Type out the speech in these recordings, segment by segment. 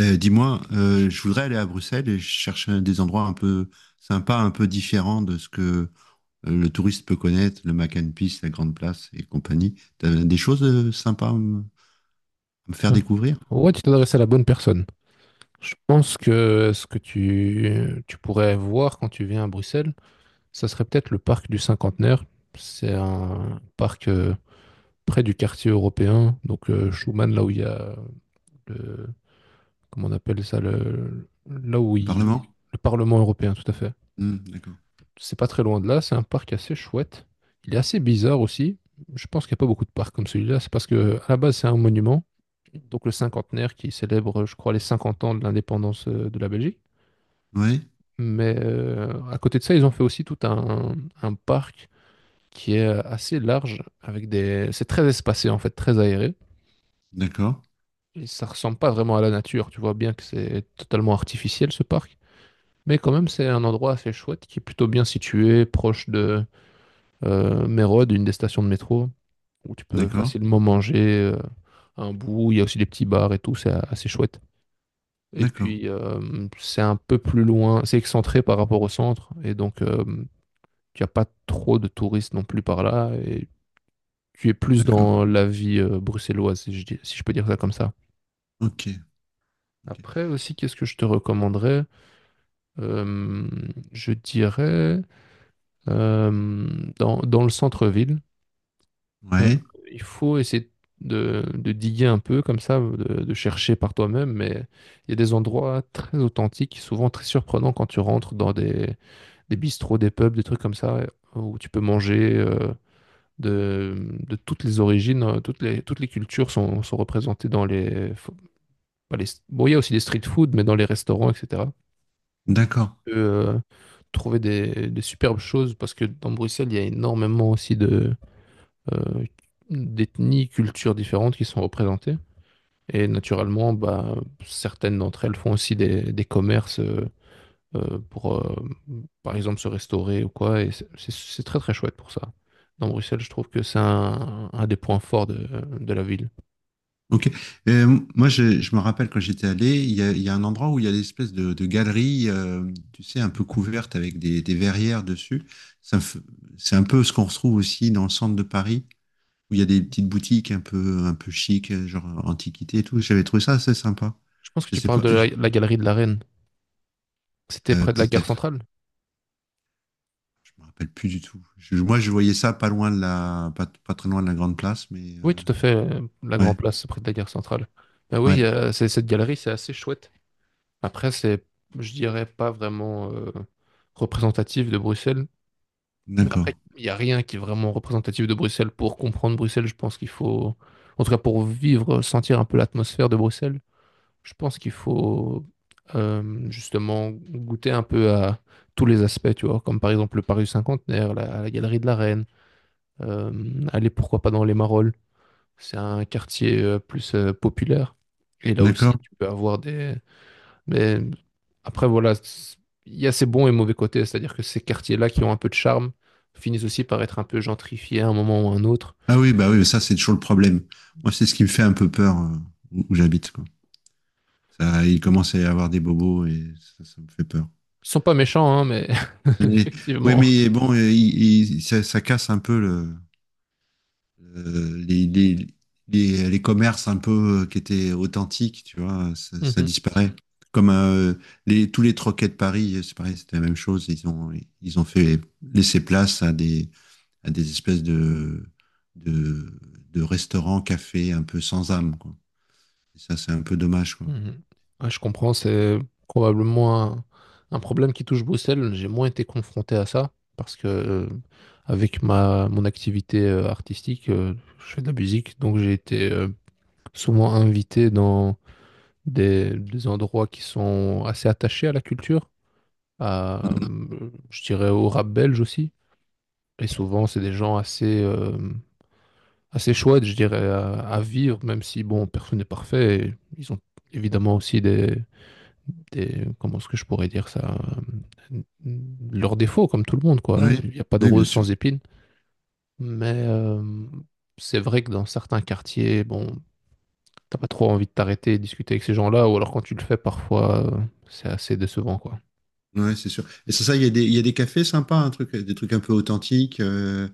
Je voudrais aller à Bruxelles et je cherche des endroits un peu sympas, un peu différents de ce que le touriste peut connaître, le Mac and Peace, la Grande Place et compagnie. T'as des choses sympas à à me faire Ouais, découvrir? Ouais, tu t'es adressé à la bonne personne. Je pense que ce que tu pourrais voir quand tu viens à Bruxelles, ça serait peut-être le parc du Cinquantenaire. C'est un parc près du quartier européen, donc Schuman, là où il y a le, comment on appelle ça, le, là où Le Parlement? il, le Parlement européen, tout à fait. Hmm, d'accord. C'est pas très loin de là, c'est un parc assez chouette. Il est assez bizarre aussi. Je pense qu'il n'y a pas beaucoup de parcs comme celui-là. C'est parce que à la base, c'est un monument, donc le cinquantenaire qui célèbre, je crois, les 50 ans de l'indépendance de la Belgique. Oui. Mais à côté de ça, ils ont fait aussi tout un parc qui est assez large, avec des... C'est très espacé en fait, très aéré. D'accord, Et ça ressemble pas vraiment à la nature. Tu vois bien que c'est totalement artificiel ce parc. Mais quand même, c'est un endroit assez chouette qui est plutôt bien situé, proche de Mérode, une des stations de métro, où tu peux d'accord, facilement manger un bout. Il y a aussi des petits bars et tout, c'est assez chouette. Et d'accord, puis, c'est un peu plus loin, c'est excentré par rapport au centre, et donc tu n'as pas trop de touristes non plus par là, et tu es plus d'accord. dans la vie bruxelloise, si si je peux dire ça comme ça. Ok, ok. Après aussi, qu'est-ce que je te recommanderais? Euh, je dirais euh, dans, dans le centre-ville. Euh, Ouais, il faut essayer de diguer un peu comme ça, de chercher par toi-même, mais il y a des endroits très authentiques, souvent très surprenants quand tu rentres dans des bistrots, des pubs, des trucs comme ça, où tu peux manger de toutes les origines, toutes les cultures sont, sont représentées dans pas les... Bon, il y a aussi des street food, mais dans les restaurants, etc. d'accord. Tu peux, trouver des superbes choses, parce que dans Bruxelles, il y a énormément aussi de... euh, d'ethnies, cultures différentes qui sont représentées. Et naturellement, bah, certaines d'entre elles font aussi des commerces pour, par exemple, se restaurer ou quoi. Et c'est très très chouette pour ça. Dans Bruxelles, je trouve que c'est un des points forts de la ville. Ok. Moi, je me rappelle quand j'étais allé, il y a un endroit où il y a des espèces de galeries, tu sais, un peu couvertes avec des verrières dessus. Ça me f- C'est un peu ce qu'on retrouve aussi dans le centre de Paris, où il y a des petites boutiques un peu chic, genre antiquité et tout. J'avais trouvé ça assez sympa. Je pense que Je tu sais parles pas, de la, la galerie de la Reine. C'était près de la gare peut-être, centrale? je me rappelle plus du tout. Moi, je voyais ça pas loin de la, pas, pas très loin de la Grande Place, mais Oui, tout à fait. La Grand ouais, Place, c'est près de la gare centrale. Ben ouais, oui, cette galerie, c'est assez chouette. Après, c'est, je dirais, pas vraiment représentatif de Bruxelles. Mais d'accord, après, il n'y a rien qui est vraiment représentatif de Bruxelles. Pour comprendre Bruxelles, je pense qu'il faut, en tout cas pour vivre, sentir un peu l'atmosphère de Bruxelles, je pense qu'il faut justement goûter un peu à tous les aspects, tu vois, comme par exemple le Paris Cinquantenaire, la, la Galerie de la Reine, aller pourquoi pas dans les Marolles. C'est un quartier plus populaire. Et là aussi, d'accord. tu peux avoir des, mais après, voilà, il y a ses bons et mauvais côtés, c'est-à-dire que ces quartiers-là qui ont un peu de charme finissent aussi par être un peu gentrifiés à un moment ou à un autre. Ah oui, bah oui, Il ça y a c'est des- toujours le problème. Moi, c'est ce qui me fait un peu peur où, où j'habite, quoi. Ça, il commence à y avoir des bobos et ça me fait peur. Ils sont pas méchants, hein, mais Mais, ouais, effectivement. mais bon, ça, ça casse un peu le, euh, les, les, les commerces un peu qui étaient authentiques, tu vois, ça Mhm, disparaît. Comme les, tous les troquets de Paris, c'est pareil, c'était la même chose. Ils ont fait laisser place à des espèces de, de restaurants, cafés un peu sans âme, quoi. Et ça, c'est un peu dommage, quoi. mhm. Ouais, je comprends, c'est probablement un problème qui touche Bruxelles. J'ai moins été confronté à ça parce que, avec ma, mon activité artistique, je fais de la musique, donc j'ai été souvent invité dans des endroits qui sont assez attachés à la culture. À, Mhm. Je dirais au rap belge aussi. Et souvent, c'est des gens assez, assez chouettes, je dirais, à vivre, même si, bon, personne n'est parfait. Et ils ont évidemment aussi des, comment est-ce que je pourrais dire ça, euh, leurs défauts, comme tout le monde, quoi. Oui, Il n'y a pas de oui, bien rose sûr. sans épines. Mais c'est vrai que dans certains quartiers, bon, t'as pas trop envie de t'arrêter et discuter avec ces gens-là, ou alors quand tu le fais, parfois, c'est assez décevant, quoi. Ouais, c'est sûr. Et c'est ça, il y a des, il y a des cafés sympas, un truc, des trucs un peu authentiques. euh,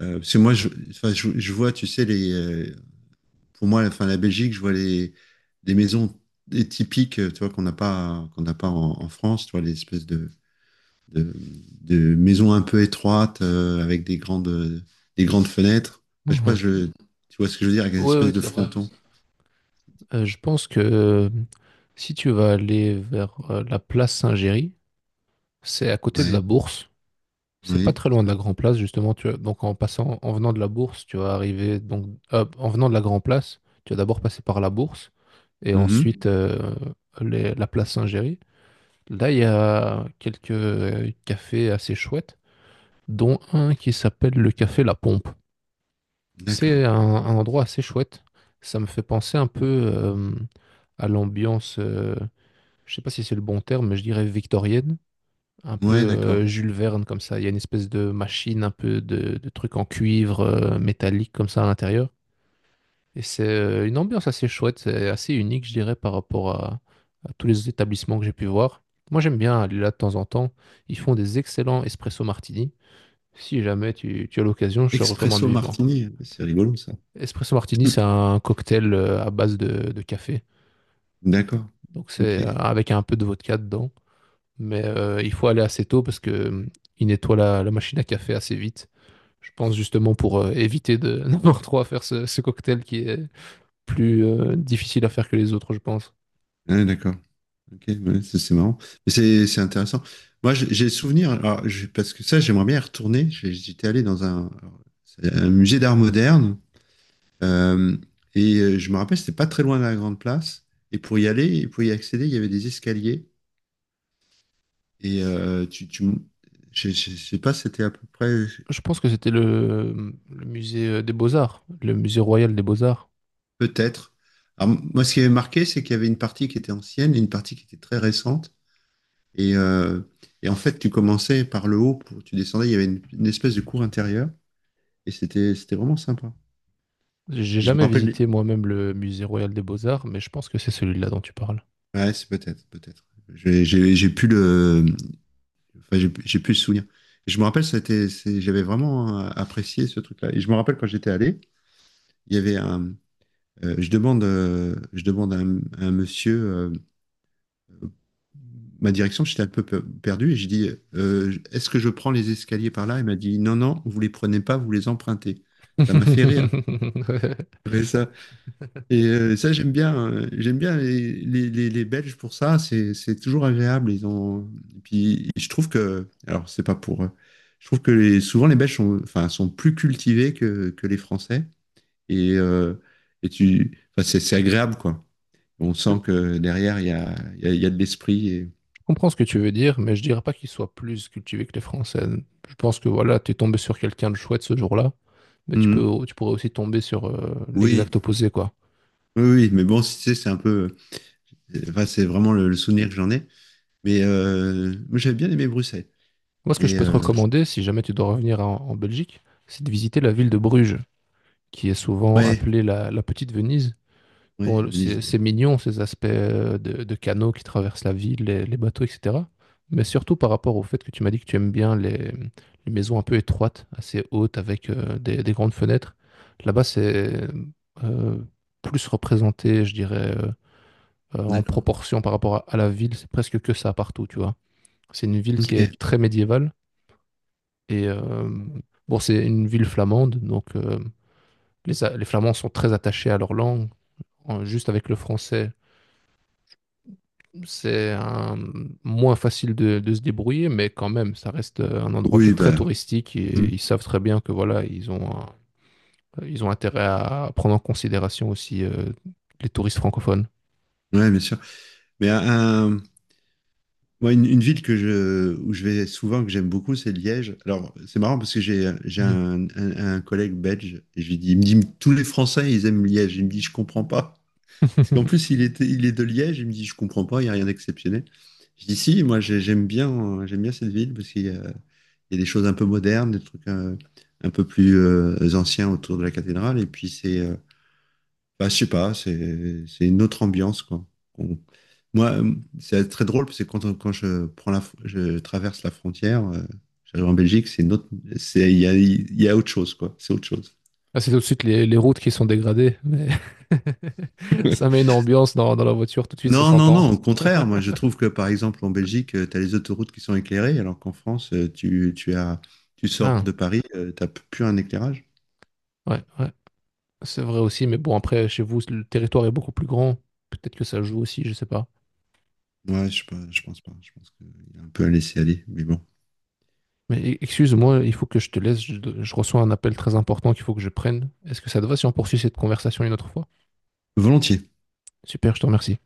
euh, Parce que moi, enfin, je vois, tu sais, pour moi, enfin, la Belgique, je vois les, des maisons des typiques, tu vois, qu'on n'a pas en, en France, tu vois, les espèces de, de maisons un peu étroites avec des grandes fenêtres. Enfin, je sais pas, Mhm. Tu vois ce que je veux dire, avec une Oui, oui, espèce de tout à fait. fronton. Je pense que si tu vas aller vers la place Saint-Géry, c'est à côté de Ouais. la Bourse. C'est pas Oui. très loin de la Grand Place, justement. Tu vois. Donc en passant, en venant de la Bourse, tu vas arriver. Donc en venant de la Grand Place, tu vas d'abord passer par la Bourse et Mhm. ensuite la place Saint-Géry. Là, il y a quelques cafés assez chouettes, dont un qui s'appelle le café La Pompe. C'est D'accord. Un endroit assez chouette. Ça me fait penser un peu à l'ambiance. Je sais pas si c'est le bon terme, mais je dirais victorienne, un peu Ouais, d'accord. Jules Verne comme ça. Il y a une espèce de machine, un peu de truc en cuivre métallique comme ça à l'intérieur. Et c'est une ambiance assez chouette, c'est assez unique, je dirais, par rapport à tous les établissements que j'ai pu voir. Moi, j'aime bien aller là de temps en temps. Ils font des excellents espresso martini. Si jamais tu as l'occasion, je te recommande Expresso vivement. Martini, c'est rigolo ça. Espresso martini, c'est un cocktail à base de café. D'accord. Donc, c'est Ok. Avec un peu de vodka dedans. Mais il faut aller assez tôt parce que il nettoie la, la machine à café assez vite. Je pense justement pour éviter de n'avoir trop à faire ce, ce cocktail qui est plus difficile à faire que les autres, je pense. Ouais, d'accord. Ok, ouais, c'est marrant. Mais c'est intéressant. Moi, j'ai souvenir, alors, parce que ça, j'aimerais bien y retourner. J'étais allé dans un, alors, c'est un musée d'art moderne euh, et je me rappelle, c'était pas très loin de la Grande Place. Et pour y aller, et pour y accéder, il y avait des escaliers. Et je sais pas, c'était à peu près, Je pense que c'était le musée des Beaux-Arts, le musée royal des Beaux-Arts. peut-être. Alors, moi, ce qui m'avait marqué, c'est qu'il y avait une partie qui était ancienne et une partie qui était très récente. Et, euh, et en fait, tu commençais par le haut, tu descendais, il y avait une espèce de cour intérieure, et c'était vraiment sympa. J'ai Et je me jamais rappelle, visité moi-même le musée royal des Beaux-Arts, mais je pense que c'est celui-là dont tu parles. ouais, c'est peut-être, peut-être. J'ai plus le, enfin, j'ai plus le souvenir. Et je me rappelle, j'avais vraiment apprécié ce truc-là. Et je me rappelle quand j'étais allé, il y avait un, je demande à un monsieur, ma direction, j'étais un peu perdu et j'ai dit Est-ce que je prends les escaliers par là? » Elle m'a dit « Non, non, vous les prenez pas, vous les empruntez. » Ça m'a fait rire. Après ça. Et ça, j'aime bien les, les Belges pour ça, c'est toujours agréable. Ils ont... Et puis, je trouve que, alors, c'est pas pour. Je trouve que souvent les Belges sont, enfin, sont plus cultivés que les Français. Et, euh, et tu, enfin, c'est agréable, quoi. On sent que derrière, il y a de l'esprit. Je comprends ce que tu veux dire, mais je dirais pas qu'il soit plus cultivé que les Français. Je pense que voilà, t'es tombé sur quelqu'un de chouette ce jour-là. Mais tu Mhm. peux, tu pourrais aussi tomber sur Oui, l'exact opposé, quoi. Oui, oui, mais bon, si tu sais, c'est un peu. Enfin, c'est vraiment le souvenir que j'en ai. Mais moi, j'avais bien aimé Bruxelles. Moi, ce que je Mais peux te recommander, si jamais tu dois revenir en, en Belgique, c'est de visiter la ville de Bruges, qui est souvent ouais, appelée la, la Petite Venise. ouais, Bon, c'est Venise. mignon, ces aspects de canaux qui traversent la ville, les bateaux, etc. Mais surtout par rapport au fait que tu m'as dit que tu aimes bien les maisons un peu étroites, assez hautes, avec des grandes fenêtres. Là-bas, c'est euh, plus représenté, je dirais, en D'accord. proportion par rapport à la ville, c'est presque que ça partout, tu vois. C'est une ville qui Ok. est très médiévale et bon, c'est une ville flamande, donc les, les Flamands sont très attachés à leur langue. Juste avec le français, c'est un- moins facile de se débrouiller, mais quand même, ça reste un endroit qui est Oui, très bah. touristique et Hmm. ils savent très bien que voilà, ils ont intérêt à prendre en considération aussi les touristes francophones. Ouais, bien sûr. Mais un- un- Moi, une ville que où je vais souvent, que j'aime beaucoup, c'est Liège. Alors, c'est marrant parce que j'ai Mhm. un, un collègue belge. Et je lui dis, il me dit, tous les Français, ils aiment Liège. Il me dit, je comprends pas. Parce qu'en plus, il était, il est de Liège, il me dit, je comprends pas, il n'y a rien d'exceptionnel. Je dis, si, j'aime bien cette ville parce qu'il y a, il y a des choses un peu modernes, des trucs un peu plus anciens autour de la cathédrale. Et puis c'est, bah, je sais pas, c'est une autre ambiance, quoi. On- Moi, c'est très drôle parce que quand je prends je traverse la frontière, j'arrive en Belgique, c'est une autre, c'est, il y a autre chose, quoi. C'est autre chose. Ah, c'est tout de suite les routes qui sont dégradées. Mais ça met une ambiance dans, dans la voiture, tout de suite ça Non, non, s'entend. non, au contraire, moi je trouve que par exemple en Belgique, tu as les autoroutes qui sont éclairées, alors qu'en France, tu as, tu sors Ah, de Paris, plus un éclairage. ouais, ouais, c'est vrai aussi, mais bon, après, chez vous, le territoire est beaucoup plus grand. Peut-être que ça joue aussi, je sais pas. Ouais, sais pas, je pense pas. Je pense qu'il a un peu à laisser aller, mais bon. Mais excuse-moi, il faut que je te laisse, je reçois un appel très important qu'il faut que je prenne. Est-ce que ça te va si on poursuit cette conversation une autre fois? Volontiers. Super, je te remercie.